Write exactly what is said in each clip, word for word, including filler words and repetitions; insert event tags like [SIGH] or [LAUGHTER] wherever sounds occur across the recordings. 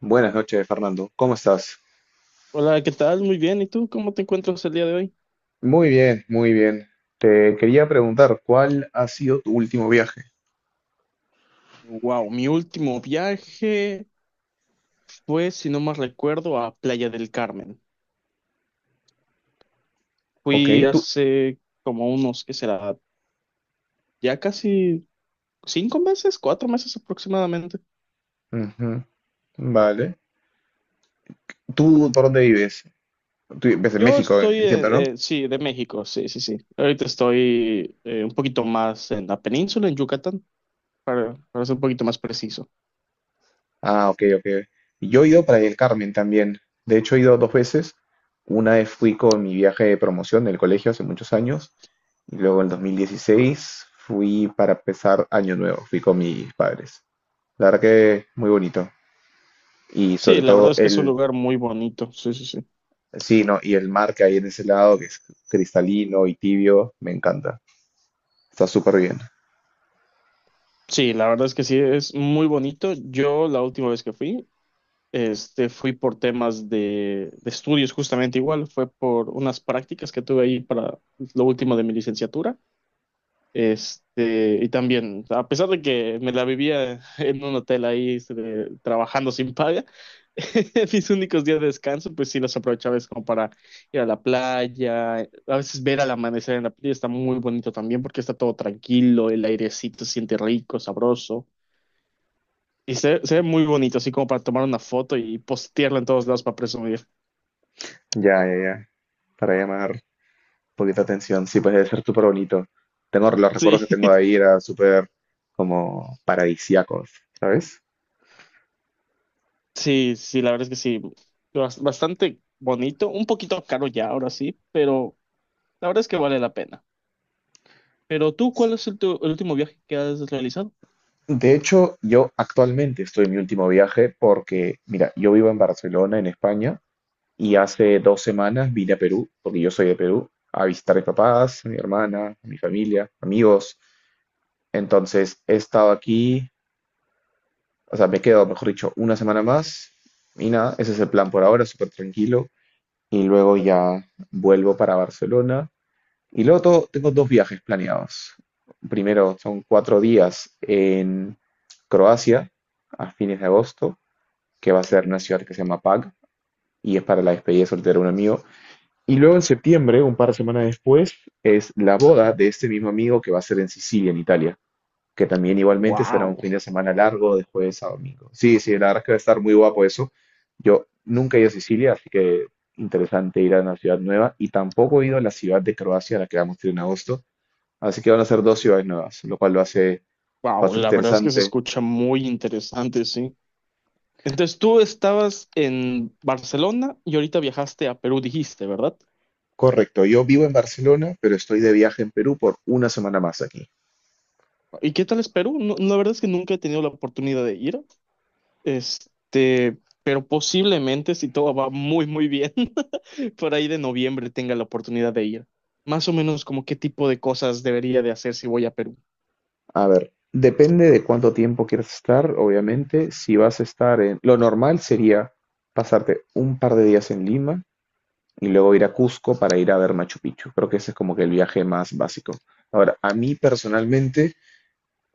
Buenas noches, Fernando. ¿Cómo estás? Hola, ¿qué tal? Muy bien. ¿Y tú cómo te encuentras el día de hoy? Muy bien, muy bien. Te quería preguntar, ¿cuál ha sido tu último viaje? Wow, mi último viaje fue, si no más recuerdo, a Playa del Carmen. Ok, Fui tú. hace como unos, ¿qué será? Ya casi cinco meses, cuatro meses aproximadamente. Ujú. Vale. ¿Tú por dónde vives? Tú vives en Yo México, eh, estoy, entiendo, ¿no? eh, eh, sí, de México, sí, sí, sí. Ahorita estoy eh, un poquito más en la península, en Yucatán, para, para ser un poquito más preciso. Ah, ok, ok. Yo he ido para el Carmen también. De hecho, he ido dos veces. Una vez fui con mi viaje de promoción del colegio hace muchos años. Y luego en dos mil dieciséis fui para empezar Año Nuevo. Fui con mis padres. La verdad que muy bonito. Y sobre Sí, la verdad todo es que es un el. lugar muy bonito, sí, sí, sí. Sí, no, y el mar que hay en ese lado, que es cristalino y tibio, me encanta. Está súper bien. Sí, la verdad es que sí, es muy bonito. Yo la última vez que fui Este, fui por temas de, de estudios justamente igual, fue por unas prácticas que tuve ahí para lo último de mi licenciatura. Este, y también, a pesar de que me la vivía [LAUGHS] en un hotel ahí este, de- trabajando sin paga, [LAUGHS] mis únicos días de descanso, pues sí los aprovechaba es como para ir a la playa, a veces ver al amanecer en la playa está muy bonito también porque está todo tranquilo, el airecito se siente rico, sabroso. Y se, se ve muy bonito, así como para tomar una foto y postearla en todos lados para presumir. Ya, ya, ya. Para llamar poquita atención, sí, pues debe ser súper bonito. Tengo los recuerdos Sí, que tengo de ahí, era súper como paradisíacos, ¿sabes? [LAUGHS] sí, sí, la verdad es que sí. Bas- Bastante bonito, un poquito caro ya ahora sí, pero la verdad es que vale la pena. Pero tú, ¿cuál es el, tu- el último viaje que has realizado? De hecho, yo actualmente estoy en mi último viaje porque, mira, yo vivo en Barcelona, en España, y hace dos semanas vine a Perú, porque yo soy de Perú, a visitar a mis papás, a mi hermana, a mi familia, amigos. Entonces, he estado aquí, o sea, me quedo, mejor dicho, una semana más y nada, ese es el plan por ahora, súper tranquilo. Y luego ya vuelvo para Barcelona. Y luego to- tengo dos viajes planeados. Primero, son cuatro días en Croacia a fines de agosto, que va a ser una ciudad que se llama Pag y es para la despedida de soltero de un amigo. Y luego en septiembre, un par de semanas después, es la boda de este mismo amigo que va a ser en Sicilia, en Italia, que también igualmente será un Wow, fin de semana largo de jueves a domingo. Sí, sí, la verdad es que va a estar muy guapo eso. Yo nunca he ido a Sicilia, así que interesante ir a una ciudad nueva y tampoco he ido a la ciudad de Croacia, a la que vamos a ir en agosto, así que van a ser dos ciudades nuevas, lo cual lo hace wow, bastante la verdad es que se interesante. escucha muy interesante, sí. Entonces tú estabas en Barcelona y ahorita viajaste a Perú, dijiste, ¿verdad? Correcto, yo vivo en Barcelona, pero estoy de viaje en Perú por una semana más aquí. ¿Y qué tal es Perú? No, la verdad es que nunca he tenido la oportunidad de ir. Este, pero posiblemente si todo va muy, muy bien, [LAUGHS] por ahí de noviembre tenga la oportunidad de ir. Más o menos como qué tipo de cosas debería de hacer si voy a Perú. A ver, depende de cuánto tiempo quieras estar, obviamente, si vas a estar en. Lo normal sería pasarte un par de días en Lima, y luego ir a Cusco para ir a ver Machu Picchu. Creo que ese es como que el viaje más básico. Ahora, a mí personalmente,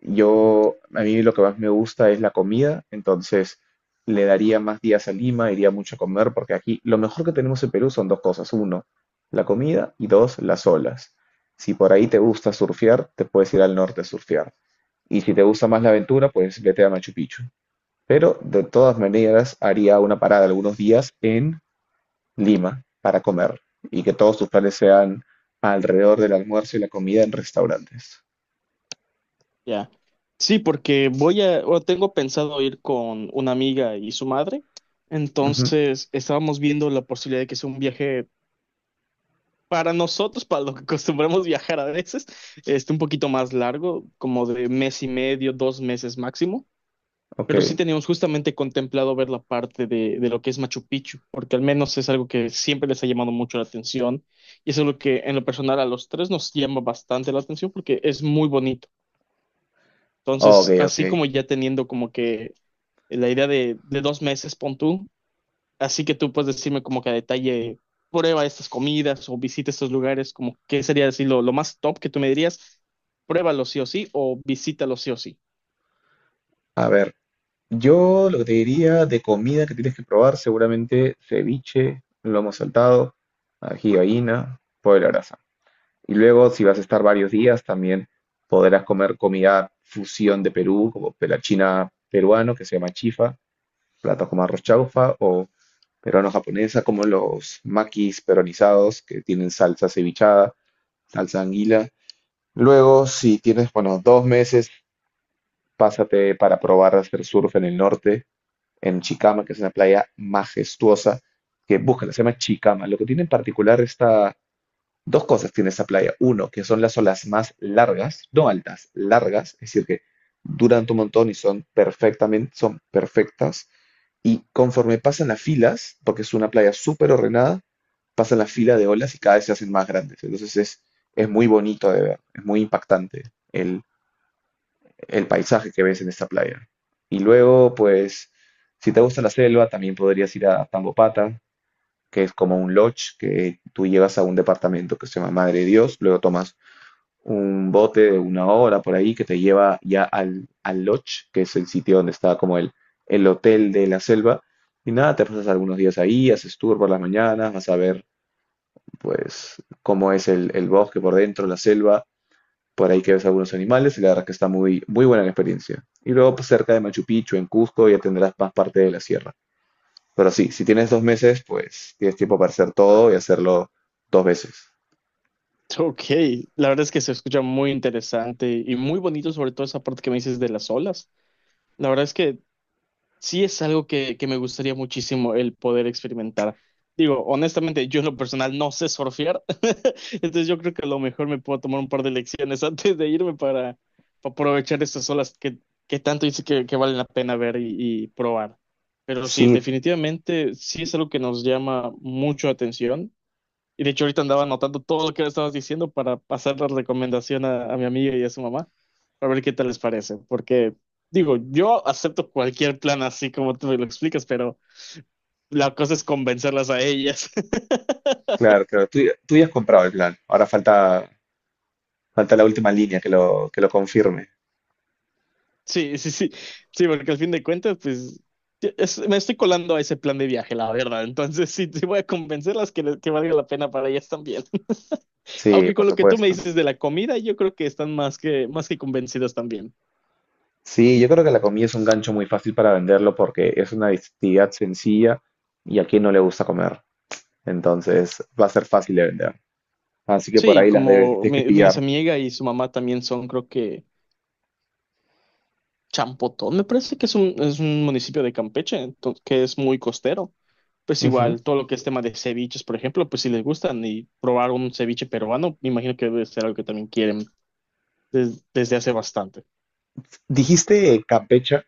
yo, a mí lo que más me gusta es la comida, entonces le daría más días a Lima, iría mucho a comer, porque aquí lo mejor que tenemos en Perú son dos cosas. Uno, la comida y dos, las olas. Si por ahí te gusta surfear, te puedes ir al norte a surfear. Y si te gusta más la aventura, pues vete a Machu Picchu. Pero de todas maneras haría una parada algunos días en Lima para comer y que todos tus planes sean alrededor del almuerzo y la comida en restaurantes. Ya. Sí, porque voy a, o tengo pensado ir con una amiga y su madre. Ujú. Entonces, estábamos viendo la posibilidad de que sea un viaje para nosotros, para lo que acostumbramos viajar a veces, este, un poquito más largo, como de mes y medio, dos meses máximo. Ok, Pero sí teníamos justamente contemplado ver la parte de, de lo que es Machu Picchu, porque al menos es algo que siempre les ha llamado mucho la atención y es algo que en lo personal a los tres nos llama bastante la atención porque es muy bonito. ok, Entonces, ok. así como ya teniendo como que la idea de, de dos meses, pon tú, así que tú puedes decirme como que a detalle, prueba estas comidas o visita estos lugares, como qué sería decir lo, lo más top que tú me dirías, pruébalo sí o sí o visítalo sí o sí. A ver, yo lo que te diría de comida que tienes que probar, seguramente ceviche, lomo saltado, ají de gallina, pollo a la brasa. Y luego, si vas a estar varios días, también podrás comer comida fusión de Perú, como pela china peruano, que se llama chifa, platos como arroz chaufa peruano-japonesa, como los makis peronizados que tienen salsa cevichada, salsa anguila. Luego, si tienes, bueno, dos meses, pásate para probar a hacer surf en el norte, en Chicama, que es una playa majestuosa, que búscala, se llama Chicama. Lo que tiene en particular esta, dos cosas tiene esta playa. Uno, que son las olas más largas, no altas, largas, es decir, que duran un montón y son perfectamente, son perfectas. Y conforme pasan las filas, porque es una playa súper ordenada, pasan la fila de olas y cada vez se hacen más grandes. Entonces es, es muy bonito de ver, es muy impactante el, el paisaje que ves en esta playa. Y luego, pues, si te gusta la selva, también podrías ir a Tambopata, que es como un lodge, que tú llegas a un departamento que se llama Madre de Dios, luego tomas un bote de una hora por ahí que te lleva ya al, al lodge, que es el sitio donde está como el, el hotel de la selva. Y nada, te pasas algunos días ahí, haces tour por las mañanas, vas a ver pues cómo es el, el bosque por dentro, la selva, por ahí que ves algunos animales y la verdad es que está muy, muy buena la experiencia. Y luego pues, cerca de Machu Picchu, en Cusco, ya tendrás más parte de la sierra. Pero sí, si tienes dos meses, pues tienes tiempo para hacer todo y hacerlo dos veces. Ok, la verdad es que se escucha muy interesante y muy bonito, sobre todo esa parte que me dices de las olas. La verdad es que sí es algo que, que me gustaría muchísimo el poder experimentar. Digo, honestamente, yo en lo personal no sé surfear, [LAUGHS] entonces yo creo que a lo mejor me puedo tomar un par de lecciones [LAUGHS] antes de irme para, para aprovechar estas olas que, que tanto dice que, que valen la pena ver y, y probar. Pero sí, Sí, definitivamente sí es algo que nos llama mucho la atención. Y de hecho ahorita andaba anotando todo lo que me estabas diciendo para pasar la recomendación a, a mi amiga y a su mamá, para ver qué tal les parece. Porque, digo, yo acepto cualquier plan así como tú me lo explicas, pero la cosa es convencerlas a ellas. [LAUGHS] claro, claro. Tú, ya tú ya has comprado el plan. Ahora falta, falta la última línea que lo, que lo confirme. Sí, sí, sí, sí, porque al fin de cuentas, pues, es- me estoy colando a ese plan de viaje, la verdad. Entonces, [LAUGHS] sí, sí voy a convencerlas que, le- que valga la pena para ellas también. [LAUGHS] Sí, Aunque por con lo que tú me supuesto. dices de la comida, yo creo que están más que, más que convencidas también. Sí, yo creo que la comida es un gancho muy fácil para venderlo porque es una actividad sencilla y a quien no le gusta comer. Entonces va a ser fácil de vender. Así que por Sí, ahí las debes, las como tienes que mi, mis pillar. amiga y su mamá también son, creo que Champotón, me parece que es un, es un municipio de Campeche, ento- que es muy costero. Pues Ujú. igual, todo lo que es tema de ceviches, por ejemplo, pues si les gustan y probar un ceviche peruano, me imagino que debe ser algo que también quieren des- desde hace bastante. Dijiste Campecha,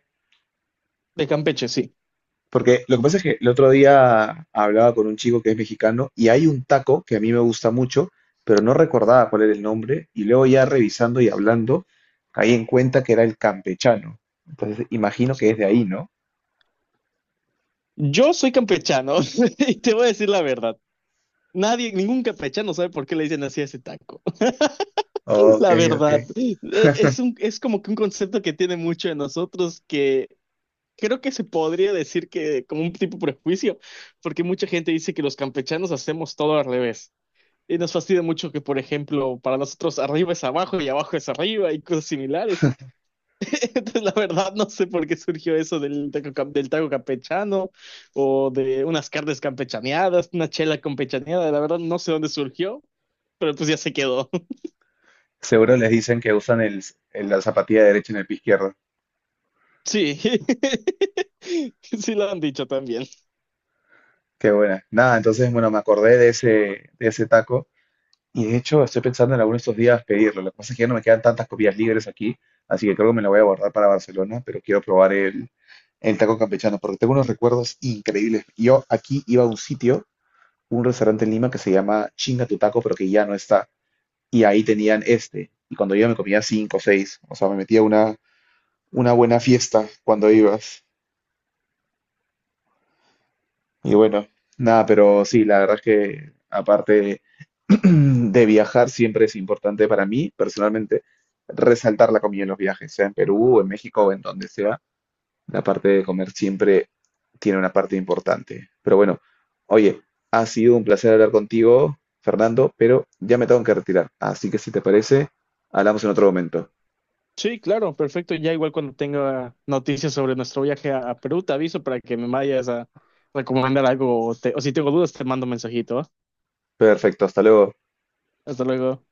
De Campeche, sí. porque lo que pasa es que el otro día hablaba con un chico que es mexicano y hay un taco que a mí me gusta mucho, pero no recordaba cuál era el nombre y luego ya revisando y hablando, caí en cuenta que era el campechano. Entonces imagino que es de ahí, ¿no? Yo soy campechano [LAUGHS] y te voy a decir la verdad. Nadie, ningún campechano sabe por qué le dicen así a ese taco. [LAUGHS] Ok, La ok. verdad, e- es un, es como que un concepto que tiene mucho de nosotros que creo que se podría decir que como un tipo prejuicio, porque mucha gente dice que los campechanos hacemos todo al revés. Y nos fastidia mucho que, por ejemplo, para nosotros arriba es abajo y abajo es arriba y cosas similares. [LAUGHS] Entonces, la verdad, no sé por qué surgió eso del taco, cam- del taco campechano o de unas carnes campechaneadas, una chela campechaneada. La verdad, no sé dónde surgió, pero pues ya se quedó. [LAUGHS] Seguro les dicen que usan el, el- la zapatilla derecha en el pie izquierdo. Sí, [LAUGHS] sí lo han dicho también. Qué buena. Nada, entonces, bueno, me acordé de ese, de ese taco. Y de hecho, estoy pensando en alguno de estos días pedirlo. Lo que pasa es que ya no me quedan tantas copias libres aquí, así que creo que me la voy a guardar para Barcelona, pero quiero probar el, el taco campechano porque tengo unos recuerdos increíbles. Yo aquí iba a un sitio, un restaurante en Lima que se llama Chinga tu taco, pero que ya no está. Y ahí tenían este. Y cuando iba me comía cinco o seis. O sea, me metía una, una buena fiesta cuando ibas. Y bueno, nada, pero sí, la verdad es que aparte [CLEARS THROAT] de viajar siempre es importante para mí, personalmente, resaltar la comida en los viajes, sea en Perú, en México o en donde sea. La parte de comer siempre tiene una parte importante. Pero bueno, oye, ha sido un placer hablar contigo, Fernando, pero ya me tengo que retirar. Así que si te parece, hablamos en otro momento. Sí, claro, perfecto. Ya igual cuando tenga noticias sobre nuestro viaje a, a Perú, te aviso para que me vayas a recomendar algo o, te- o si tengo dudas te mando un mensajito. ¿Va? Perfecto, hasta luego. Hasta luego.